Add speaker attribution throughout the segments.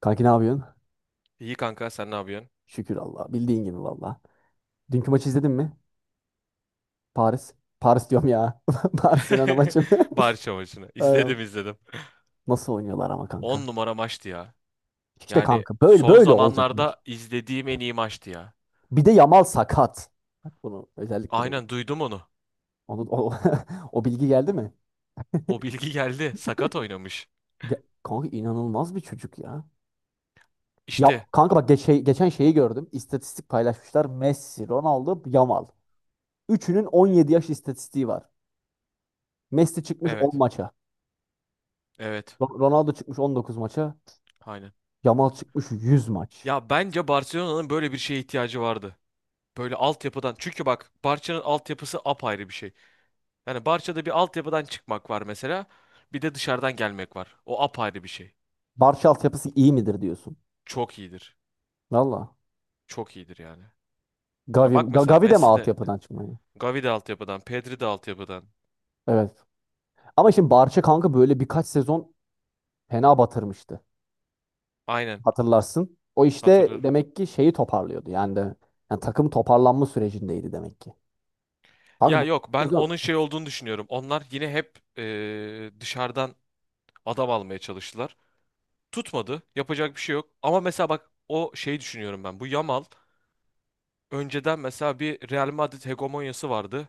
Speaker 1: Kanki ne yapıyorsun?
Speaker 2: İyi kanka, sen ne yapıyorsun?
Speaker 1: Şükür Allah. Bildiğin gibi valla. Dünkü maçı izledin mi? Paris. Paris diyorum ya. Barcelona maçını.
Speaker 2: Barış maçını. İzledim,
Speaker 1: Aynen.
Speaker 2: izledim.
Speaker 1: Nasıl oynuyorlar ama
Speaker 2: 10
Speaker 1: kanka?
Speaker 2: numara maçtı ya.
Speaker 1: İşte
Speaker 2: Yani
Speaker 1: kanka böyle
Speaker 2: son
Speaker 1: böyle olacaklar.
Speaker 2: zamanlarda izlediğim en iyi maçtı ya.
Speaker 1: Bir de Yamal sakat. Bak bunu özellikle benim.
Speaker 2: Aynen, duydum onu.
Speaker 1: Onu, o, o bilgi geldi mi?
Speaker 2: O bilgi geldi. Sakat oynamış.
Speaker 1: Kanka inanılmaz bir çocuk ya. Ya
Speaker 2: İşte.
Speaker 1: kanka bak geçen şeyi gördüm. İstatistik paylaşmışlar. Messi, Ronaldo, Yamal. Üçünün 17 yaş istatistiği var. Messi çıkmış 10
Speaker 2: Evet.
Speaker 1: maça.
Speaker 2: Evet.
Speaker 1: Ronaldo çıkmış 19 maça.
Speaker 2: Aynen.
Speaker 1: Yamal çıkmış 100 maç.
Speaker 2: Ya bence Barcelona'nın böyle bir şeye ihtiyacı vardı. Böyle altyapıdan. Çünkü bak, Barça'nın altyapısı apayrı bir şey. Yani Barça'da bir altyapıdan çıkmak var mesela. Bir de dışarıdan gelmek var. O apayrı bir şey.
Speaker 1: Barça altyapısı iyi midir diyorsun?
Speaker 2: Çok iyidir.
Speaker 1: Valla.
Speaker 2: Çok iyidir yani. Ya bak mesela,
Speaker 1: Gavi de mi
Speaker 2: Messi de
Speaker 1: altyapıdan çıkmadı?
Speaker 2: Gavi de altyapıdan, Pedri de altyapıdan.
Speaker 1: Evet. Ama şimdi Barça kanka böyle birkaç sezon fena batırmıştı.
Speaker 2: Aynen,
Speaker 1: Hatırlarsın. O işte
Speaker 2: hatırlarım.
Speaker 1: demek ki şeyi toparlıyordu. Yani de Yani takım toparlanma sürecindeydi demek ki. Kanka
Speaker 2: Ya
Speaker 1: bu
Speaker 2: yok, ben onun
Speaker 1: sezon
Speaker 2: şey
Speaker 1: evet.
Speaker 2: olduğunu düşünüyorum. Onlar yine hep dışarıdan adam almaya çalıştılar. Tutmadı. Yapacak bir şey yok. Ama mesela bak, o şeyi düşünüyorum ben. Bu Yamal, önceden mesela bir Real Madrid hegemonyası vardı.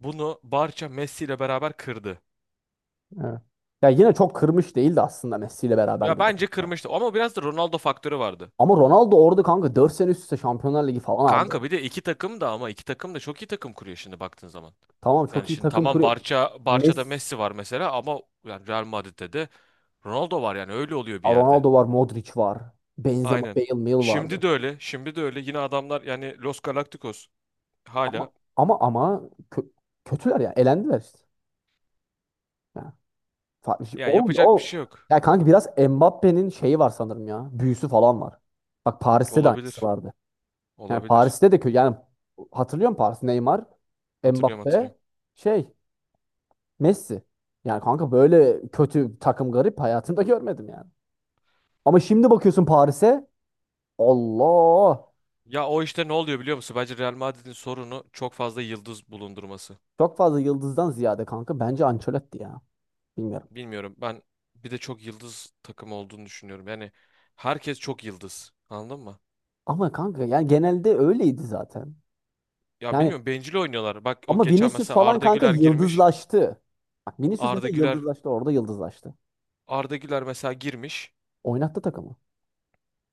Speaker 2: Bunu Barça Messi ile beraber kırdı.
Speaker 1: Ya yine çok kırmış değildi aslında Messi ile beraber
Speaker 2: Ya
Speaker 1: bile,
Speaker 2: bence
Speaker 1: kanka.
Speaker 2: kırmıştı ama biraz da Ronaldo faktörü vardı.
Speaker 1: Ama Ronaldo orada kanka 4 sene üst üste Şampiyonlar Ligi falan aldı
Speaker 2: Kanka
Speaker 1: yani.
Speaker 2: bir de iki takım da, ama iki takım da çok iyi takım kuruyor şimdi baktığın zaman.
Speaker 1: Tamam,
Speaker 2: Yani
Speaker 1: çok iyi
Speaker 2: şimdi
Speaker 1: takım
Speaker 2: tamam,
Speaker 1: kuruyor.
Speaker 2: Barça'da
Speaker 1: Messi,
Speaker 2: Messi var mesela ama yani Real Madrid'de de Ronaldo var, yani öyle oluyor bir yerde.
Speaker 1: Ronaldo var, Modric var. Benzema,
Speaker 2: Aynen.
Speaker 1: Bale, Mil
Speaker 2: Şimdi
Speaker 1: vardı.
Speaker 2: de öyle. Şimdi de öyle. Yine adamlar yani, Los Galacticos
Speaker 1: Ama
Speaker 2: hala.
Speaker 1: ama ama kö- Kötüler ya. Elendiler işte. Ya, farklı şey
Speaker 2: Ya
Speaker 1: olmuyor.
Speaker 2: yapacak bir
Speaker 1: O,
Speaker 2: şey yok.
Speaker 1: ya kanka biraz Mbappe'nin şeyi var sanırım ya. Büyüsü falan var. Bak Paris'te de aynısı
Speaker 2: Olabilir.
Speaker 1: vardı. Yani
Speaker 2: Olabilir.
Speaker 1: Paris'te de kötü. Yani hatırlıyor musun Paris? Neymar,
Speaker 2: Hatırlıyorum,
Speaker 1: Mbappe,
Speaker 2: hatırlıyorum.
Speaker 1: şey, Messi. Yani kanka böyle kötü takım garip hayatımda görmedim yani. Ama şimdi bakıyorsun Paris'e Allah.
Speaker 2: Ya o işte ne oluyor biliyor musun? Bence Real Madrid'in sorunu çok fazla yıldız bulundurması.
Speaker 1: Çok fazla yıldızdan ziyade kanka bence Ancelotti ya. Bilmiyorum.
Speaker 2: Bilmiyorum. Ben bir de çok yıldız takım olduğunu düşünüyorum. Yani herkes çok yıldız. Anladın mı?
Speaker 1: Ama kanka yani genelde öyleydi zaten.
Speaker 2: Ya
Speaker 1: Yani
Speaker 2: bilmiyorum, bencil oynuyorlar. Bak o
Speaker 1: ama
Speaker 2: geçen
Speaker 1: Vinicius
Speaker 2: mesela
Speaker 1: falan
Speaker 2: Arda
Speaker 1: kanka
Speaker 2: Güler girmiş.
Speaker 1: yıldızlaştı. Bak Vinicius
Speaker 2: Arda
Speaker 1: mesela
Speaker 2: Güler
Speaker 1: yıldızlaştı, orada yıldızlaştı.
Speaker 2: Arda Güler mesela girmiş.
Speaker 1: Oynattı takımı.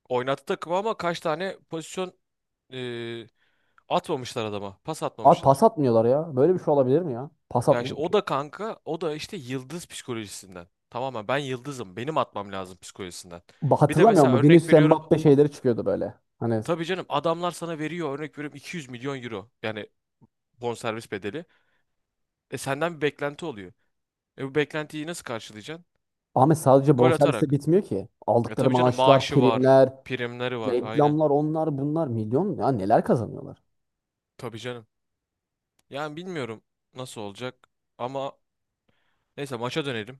Speaker 2: Oynattı takımı, ama kaç tane pozisyon e, atmamışlar adama. Pas
Speaker 1: At
Speaker 2: atmamışlar.
Speaker 1: pas atmıyorlar ya. Böyle bir şey olabilir mi ya? Pas
Speaker 2: Ya işte
Speaker 1: atmıyor.
Speaker 2: o da kanka, o da işte yıldız psikolojisinden. Tamamen ben yıldızım, benim atmam lazım psikolojisinden. Bir de
Speaker 1: Hatırlamıyor
Speaker 2: mesela
Speaker 1: musun?
Speaker 2: örnek
Speaker 1: Vinicius
Speaker 2: veriyorum.
Speaker 1: Mbappe şeyleri çıkıyordu böyle. Hani
Speaker 2: Tabii canım, adamlar sana veriyor, örnek veriyorum, 200 milyon euro. Yani bonservis bedeli. E senden bir beklenti oluyor. E bu beklentiyi nasıl karşılayacaksın?
Speaker 1: Ahmet sadece
Speaker 2: Gol
Speaker 1: bonservisle
Speaker 2: atarak.
Speaker 1: bitmiyor ki.
Speaker 2: E
Speaker 1: Aldıkları
Speaker 2: tabii canım,
Speaker 1: maaşlar,
Speaker 2: maaşı var,
Speaker 1: primler,
Speaker 2: primleri var. Aynen.
Speaker 1: reklamlar, onlar bunlar milyon ya, neler kazanıyorlar.
Speaker 2: Tabii canım. Yani bilmiyorum nasıl olacak, ama neyse, maça dönelim.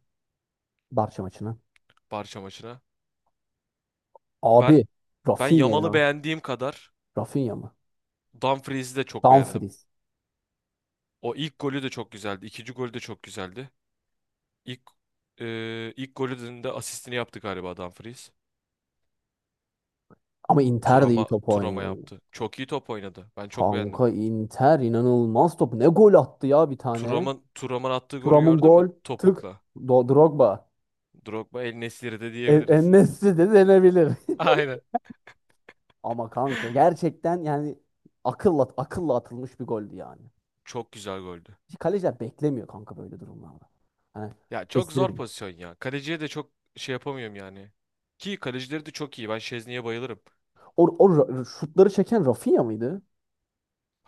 Speaker 1: Barça maçına.
Speaker 2: Barça maçına.
Speaker 1: Abi
Speaker 2: Ben ben
Speaker 1: Rafinha
Speaker 2: Yamal'ı
Speaker 1: ya.
Speaker 2: beğendiğim kadar
Speaker 1: Rafinha mı?
Speaker 2: Dumfries'i de çok beğendim.
Speaker 1: Dumfries.
Speaker 2: O ilk golü de çok güzeldi. İkinci golü de çok güzeldi. İlk ilk golünün de asistini yaptı galiba Dumfries.
Speaker 1: Ama Inter de iyi
Speaker 2: Turama
Speaker 1: top
Speaker 2: Turama
Speaker 1: oynuyor.
Speaker 2: yaptı. Çok iyi top oynadı. Ben çok beğendim.
Speaker 1: Kanka Inter inanılmaz top. Ne gol attı ya bir tane.
Speaker 2: Turam'ın attığı golü
Speaker 1: Thuram'ın
Speaker 2: gördün mü?
Speaker 1: gol. Tık.
Speaker 2: Topukla.
Speaker 1: Drogba.
Speaker 2: Drogba El Nesiri de
Speaker 1: En
Speaker 2: diyebiliriz.
Speaker 1: En-Nesyri de denebilir.
Speaker 2: Aynen.
Speaker 1: Ama kanka gerçekten yani akılla atılmış bir goldü yani.
Speaker 2: Çok güzel goldü.
Speaker 1: Kaleciler beklemiyor kanka böyle durumlarda. Hani
Speaker 2: Ya çok zor
Speaker 1: kestiremiyor.
Speaker 2: pozisyon ya. Kaleciye de çok şey yapamıyorum yani. Ki kalecileri de çok iyi. Ben Şezni'ye bayılırım.
Speaker 1: Şutları çeken Rafinha mıydı?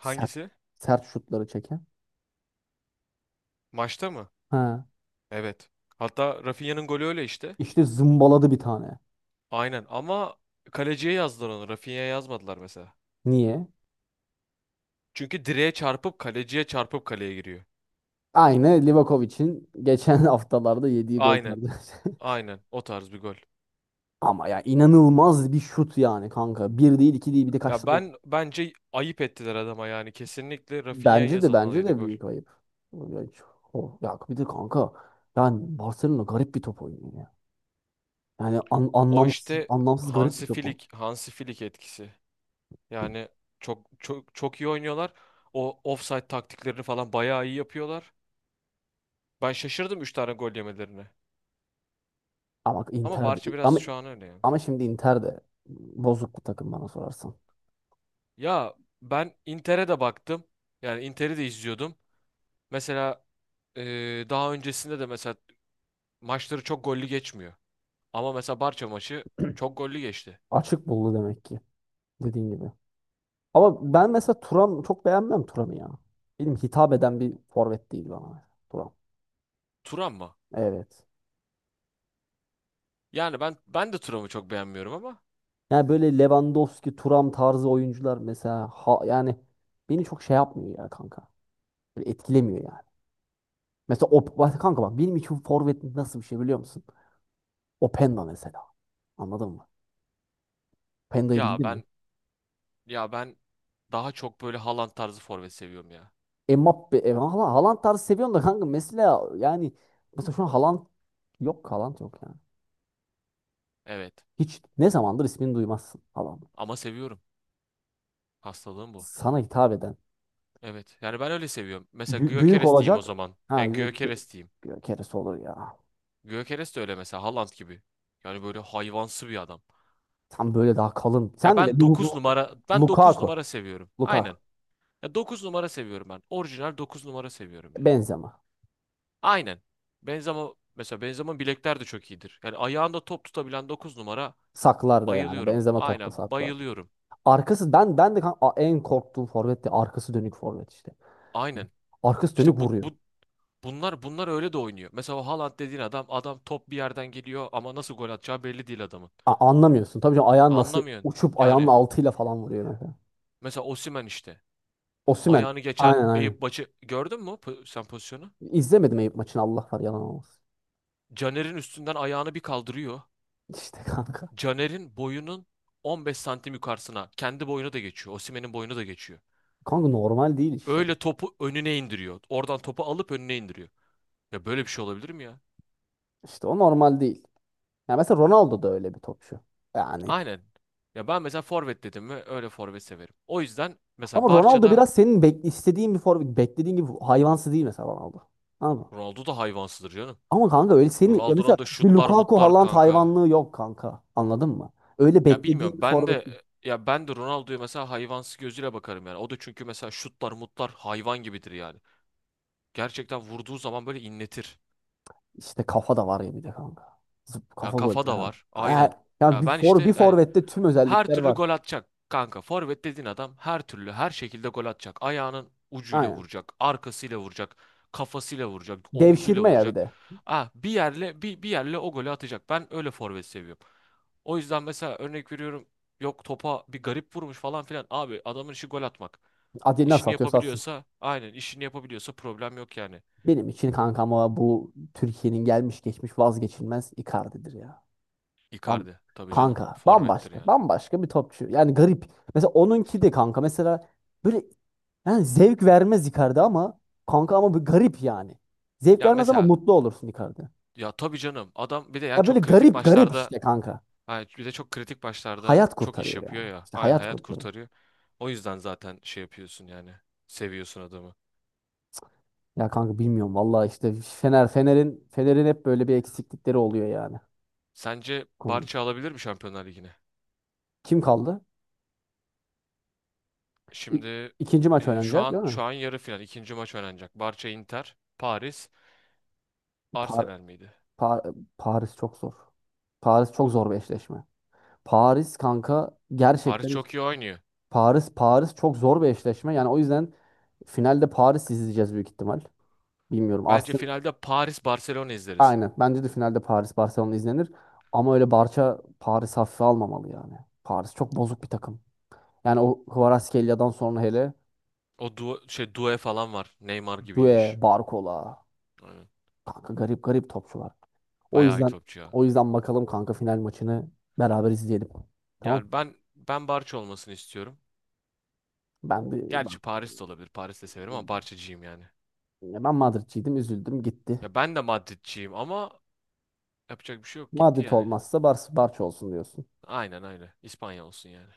Speaker 1: Sert Sert şutları çeken.
Speaker 2: Maçta mı?
Speaker 1: Ha.
Speaker 2: Evet. Hatta Rafinha'nın golü öyle işte.
Speaker 1: İşte zımbaladı bir tane.
Speaker 2: Aynen, ama kaleciye yazdılar onu. Rafinha'ya yazmadılar mesela.
Speaker 1: Niye?
Speaker 2: Çünkü direğe çarpıp kaleciye çarpıp kaleye giriyor.
Speaker 1: Aynı Livakovic'in geçen haftalarda yediği gol
Speaker 2: Aynen.
Speaker 1: tarzı.
Speaker 2: Aynen. O tarz bir gol.
Speaker 1: Ama ya inanılmaz bir şut yani kanka. Bir değil, iki değil, bir de kaç
Speaker 2: Ya
Speaker 1: tane.
Speaker 2: ben bence ayıp ettiler adama yani. Kesinlikle Rafinha'ya
Speaker 1: Bence
Speaker 2: yazılmalıydı
Speaker 1: de
Speaker 2: gol.
Speaker 1: büyük ayıp. Ya bir de kanka yani Barcelona garip bir top oynuyor ya. Yani
Speaker 2: O işte
Speaker 1: anlamsız garip bir
Speaker 2: Hansi
Speaker 1: top oynuyor.
Speaker 2: Flick, Hansi Flick etkisi. Yani çok çok çok iyi oynuyorlar. O offside taktiklerini falan bayağı iyi yapıyorlar. Ben şaşırdım 3 tane gol yemelerine.
Speaker 1: Ama bak
Speaker 2: Ama
Speaker 1: Inter de,
Speaker 2: Barça biraz
Speaker 1: ama
Speaker 2: şu an öyle yani.
Speaker 1: ama şimdi Inter de bozuk bir takım bana sorarsan.
Speaker 2: Ya ben Inter'e de baktım. Yani Inter'i de izliyordum. Mesela daha öncesinde de mesela maçları çok gollü geçmiyor. Ama mesela Barça maçı çok gollü geçti.
Speaker 1: Açık buldu demek ki, dediğin gibi. Ama ben mesela Turan çok beğenmem, Turan'ı ya. Benim hitap eden bir forvet değil bana. Turan.
Speaker 2: Turan mı?
Speaker 1: Evet.
Speaker 2: Yani ben de Turan'ı çok beğenmiyorum ama
Speaker 1: Yani böyle Lewandowski, Thuram tarzı oyuncular mesela ha, yani beni çok şey yapmıyor ya kanka. Böyle etkilemiyor yani. Mesela o, bak kanka, bak benim için forvet nasıl bir şey biliyor musun? Openda mesela. Anladın mı? Openda'yı
Speaker 2: ya
Speaker 1: bildin mi?
Speaker 2: ben. Ya ben daha çok böyle Haaland tarzı forvet seviyorum ya.
Speaker 1: Haaland tarzı seviyorum da kanka mesela yani mesela şu an Haaland yok, Haaland yok yani.
Speaker 2: Evet.
Speaker 1: Hiç ne zamandır ismini duymazsın Haaland.
Speaker 2: Ama seviyorum. Hastalığım bu.
Speaker 1: Sana hitap eden.
Speaker 2: Evet. Yani ben öyle seviyorum. Mesela
Speaker 1: Büyük
Speaker 2: Gyökeres diyeyim o
Speaker 1: olacak.
Speaker 2: zaman.
Speaker 1: Ha
Speaker 2: Yani
Speaker 1: gö- gö-
Speaker 2: Gyökeres diyeyim.
Speaker 1: Keresi olur ya.
Speaker 2: Gyökeres de öyle mesela, Haaland gibi. Yani böyle hayvansı bir adam.
Speaker 1: Tam böyle daha kalın.
Speaker 2: Ya
Speaker 1: Sen de
Speaker 2: ben 9 numara, ben 9
Speaker 1: Lukaku.
Speaker 2: numara seviyorum. Aynen.
Speaker 1: Lukaku.
Speaker 2: Ya 9 numara seviyorum ben. Orijinal 9 numara seviyorum yani.
Speaker 1: Benzema.
Speaker 2: Aynen. Benzema mesela, Benzema'nın bilekler de çok iyidir. Yani ayağında top tutabilen 9 numara
Speaker 1: Saklar da yani.
Speaker 2: bayılıyorum.
Speaker 1: Benzema topla
Speaker 2: Aynen
Speaker 1: saklar.
Speaker 2: bayılıyorum.
Speaker 1: Arkası ben ben de kan- a- en korktuğum forvet de arkası dönük forvet işte.
Speaker 2: Aynen.
Speaker 1: Arkası dönük
Speaker 2: İşte bu,
Speaker 1: vuruyor.
Speaker 2: bu Bunlar bunlar öyle de oynuyor. Mesela o Haaland dediğin adam top bir yerden geliyor ama nasıl gol atacağı belli değil adamın.
Speaker 1: Anlamıyorsun. Tabii canım ayağın nasıl
Speaker 2: Anlamıyorsun.
Speaker 1: uçup ayağının
Speaker 2: Yani
Speaker 1: altıyla falan vuruyor mesela.
Speaker 2: mesela Osimhen işte.
Speaker 1: Osimhen.
Speaker 2: Ayağını geçen
Speaker 1: Aynen aynen.
Speaker 2: Eyüp maçı gördün mü sen pozisyonu?
Speaker 1: İzlemedim Eyüp maçını, Allah var, yalan olmasın.
Speaker 2: Caner'in üstünden ayağını bir kaldırıyor.
Speaker 1: İşte kanka.
Speaker 2: Caner'in boyunun 15 santim yukarısına kendi boyunu da geçiyor. Osimhen'in boyunu da geçiyor.
Speaker 1: Kanka normal değil işte.
Speaker 2: Öyle topu önüne indiriyor. Oradan topu alıp önüne indiriyor. Ya böyle bir şey olabilir mi ya?
Speaker 1: İşte o normal değil. Ya mesela Ronaldo da öyle bir topçu. Yani
Speaker 2: Aynen. Ya ben mesela forvet dedim mi öyle forvet severim. O yüzden mesela
Speaker 1: ama Ronaldo
Speaker 2: Barça'da.
Speaker 1: biraz senin bek istediğin bir forvet, beklediğin gibi hayvansı değil mesela Ronaldo. Anladın mı?
Speaker 2: Ronaldo da hayvansıdır canım.
Speaker 1: Ama kanka öyle senin ya mesela
Speaker 2: Ronaldo'nun da
Speaker 1: bir
Speaker 2: şutlar
Speaker 1: Lukaku
Speaker 2: mutlar
Speaker 1: Haaland
Speaker 2: kanka.
Speaker 1: hayvanlığı yok kanka. Anladın mı? Öyle
Speaker 2: Ya
Speaker 1: beklediğin
Speaker 2: bilmiyorum
Speaker 1: bir
Speaker 2: ben
Speaker 1: forvet
Speaker 2: de ya ben de Ronaldo'ya mesela hayvansı gözüyle bakarım yani. O da çünkü mesela şutlar mutlar hayvan gibidir yani. Gerçekten vurduğu zaman böyle inletir.
Speaker 1: işte, kafa da var ya bir de kanka. Zıp
Speaker 2: Ya
Speaker 1: kafa gol
Speaker 2: kafa da
Speaker 1: ya.
Speaker 2: var.
Speaker 1: E,
Speaker 2: Aynen.
Speaker 1: Ya
Speaker 2: Ya
Speaker 1: bir
Speaker 2: ben
Speaker 1: bir
Speaker 2: işte yani
Speaker 1: forvette tüm
Speaker 2: her
Speaker 1: özellikler
Speaker 2: türlü
Speaker 1: var.
Speaker 2: gol atacak. Kanka forvet dediğin adam her türlü, her şekilde gol atacak. Ayağının ucuyla
Speaker 1: Aynen.
Speaker 2: vuracak, arkasıyla vuracak, kafasıyla vuracak, omzuyla
Speaker 1: Devşirme ya bir
Speaker 2: vuracak.
Speaker 1: de.
Speaker 2: Ah bir yerle bir, bir yerle o golü atacak. Ben öyle forvet seviyorum. O yüzden mesela örnek veriyorum, yok topa bir garip vurmuş falan filan. Abi adamın işi gol atmak.
Speaker 1: Adi nasıl
Speaker 2: İşini
Speaker 1: atıyorsa atsın.
Speaker 2: yapabiliyorsa, aynen, işini yapabiliyorsa problem yok yani.
Speaker 1: Benim için kankam o, bu Türkiye'nin gelmiş geçmiş vazgeçilmez Icardi'dir ya. Am-
Speaker 2: Icardi tabii canım
Speaker 1: Kanka
Speaker 2: forvettir
Speaker 1: bambaşka
Speaker 2: yani.
Speaker 1: bambaşka bir topçu. Yani garip. Mesela onunki de kanka mesela böyle yani zevk vermez Icardi, ama kanka ama bir garip yani. Zevk
Speaker 2: Ya
Speaker 1: vermez ama
Speaker 2: mesela
Speaker 1: mutlu olursun Icardi.
Speaker 2: Ya tabii canım. Adam bir de ya
Speaker 1: Ya böyle
Speaker 2: çok kritik
Speaker 1: garip garip
Speaker 2: maçlarda
Speaker 1: işte kanka.
Speaker 2: hani, bir de çok kritik maçlarda
Speaker 1: Hayat
Speaker 2: çok iş
Speaker 1: kurtarıyor
Speaker 2: yapıyor
Speaker 1: yani.
Speaker 2: ya.
Speaker 1: İşte
Speaker 2: Aynı
Speaker 1: hayat
Speaker 2: hayat
Speaker 1: kurtarıyor.
Speaker 2: kurtarıyor. O yüzden zaten şey yapıyorsun yani. Seviyorsun adamı.
Speaker 1: Ya kanka bilmiyorum vallahi işte Fener'in hep böyle bir eksiklikleri oluyor yani.
Speaker 2: Sence
Speaker 1: Konu.
Speaker 2: Barça alabilir mi Şampiyonlar Ligi'ne?
Speaker 1: Kim kaldı? İ-
Speaker 2: Şimdi
Speaker 1: İkinci maç
Speaker 2: şu
Speaker 1: oynanacak
Speaker 2: an
Speaker 1: değil mi?
Speaker 2: şu an yarı final ikinci maç oynanacak. Barça Inter, Paris,
Speaker 1: Par
Speaker 2: Arsenal miydi?
Speaker 1: Par- Paris çok zor. Paris çok zor bir eşleşme. Paris kanka
Speaker 2: Paris
Speaker 1: gerçekten
Speaker 2: çok iyi oynuyor.
Speaker 1: Paris çok zor bir eşleşme. Yani o yüzden finalde Paris izleyeceğiz büyük ihtimal. Bilmiyorum.
Speaker 2: Bence
Speaker 1: Arsenal
Speaker 2: finalde Paris Barcelona izleriz.
Speaker 1: aynen. Bence de finalde Paris Barcelona izlenir. Ama öyle Barça Paris hafife almamalı yani. Paris çok bozuk bir takım. Yani o Kvaratskhelia'dan sonra hele
Speaker 2: O du şey due falan var. Neymar
Speaker 1: Due,
Speaker 2: gibiymiş.
Speaker 1: Barcola.
Speaker 2: Aynen.
Speaker 1: Kanka garip garip topçular. O
Speaker 2: Bayağı iyi
Speaker 1: yüzden
Speaker 2: topçu ya.
Speaker 1: bakalım kanka final maçını beraber izleyelim. Tamam.
Speaker 2: Yani ben Barça olmasını istiyorum.
Speaker 1: Ben bir ben,
Speaker 2: Gerçi Paris de olabilir. Paris de severim ama Barçacıyım yani.
Speaker 1: Ben Madridciydim, üzüldüm, gitti.
Speaker 2: Ya ben de Madridciyim ama yapacak bir şey yok. Gitti
Speaker 1: Madrid
Speaker 2: yani.
Speaker 1: olmazsa Barça olsun diyorsun.
Speaker 2: Aynen öyle. İspanya olsun yani.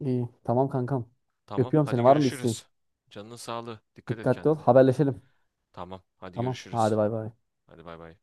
Speaker 1: İyi. Tamam kankam.
Speaker 2: Tamam.
Speaker 1: Öpüyorum
Speaker 2: Hadi
Speaker 1: seni. Var mı bir isteğin?
Speaker 2: görüşürüz. Canının sağlığı. Dikkat et
Speaker 1: Dikkatli ol.
Speaker 2: kendine.
Speaker 1: Haberleşelim.
Speaker 2: Tamam. Hadi
Speaker 1: Tamam. Hadi
Speaker 2: görüşürüz.
Speaker 1: bay bay.
Speaker 2: Hadi bay bay.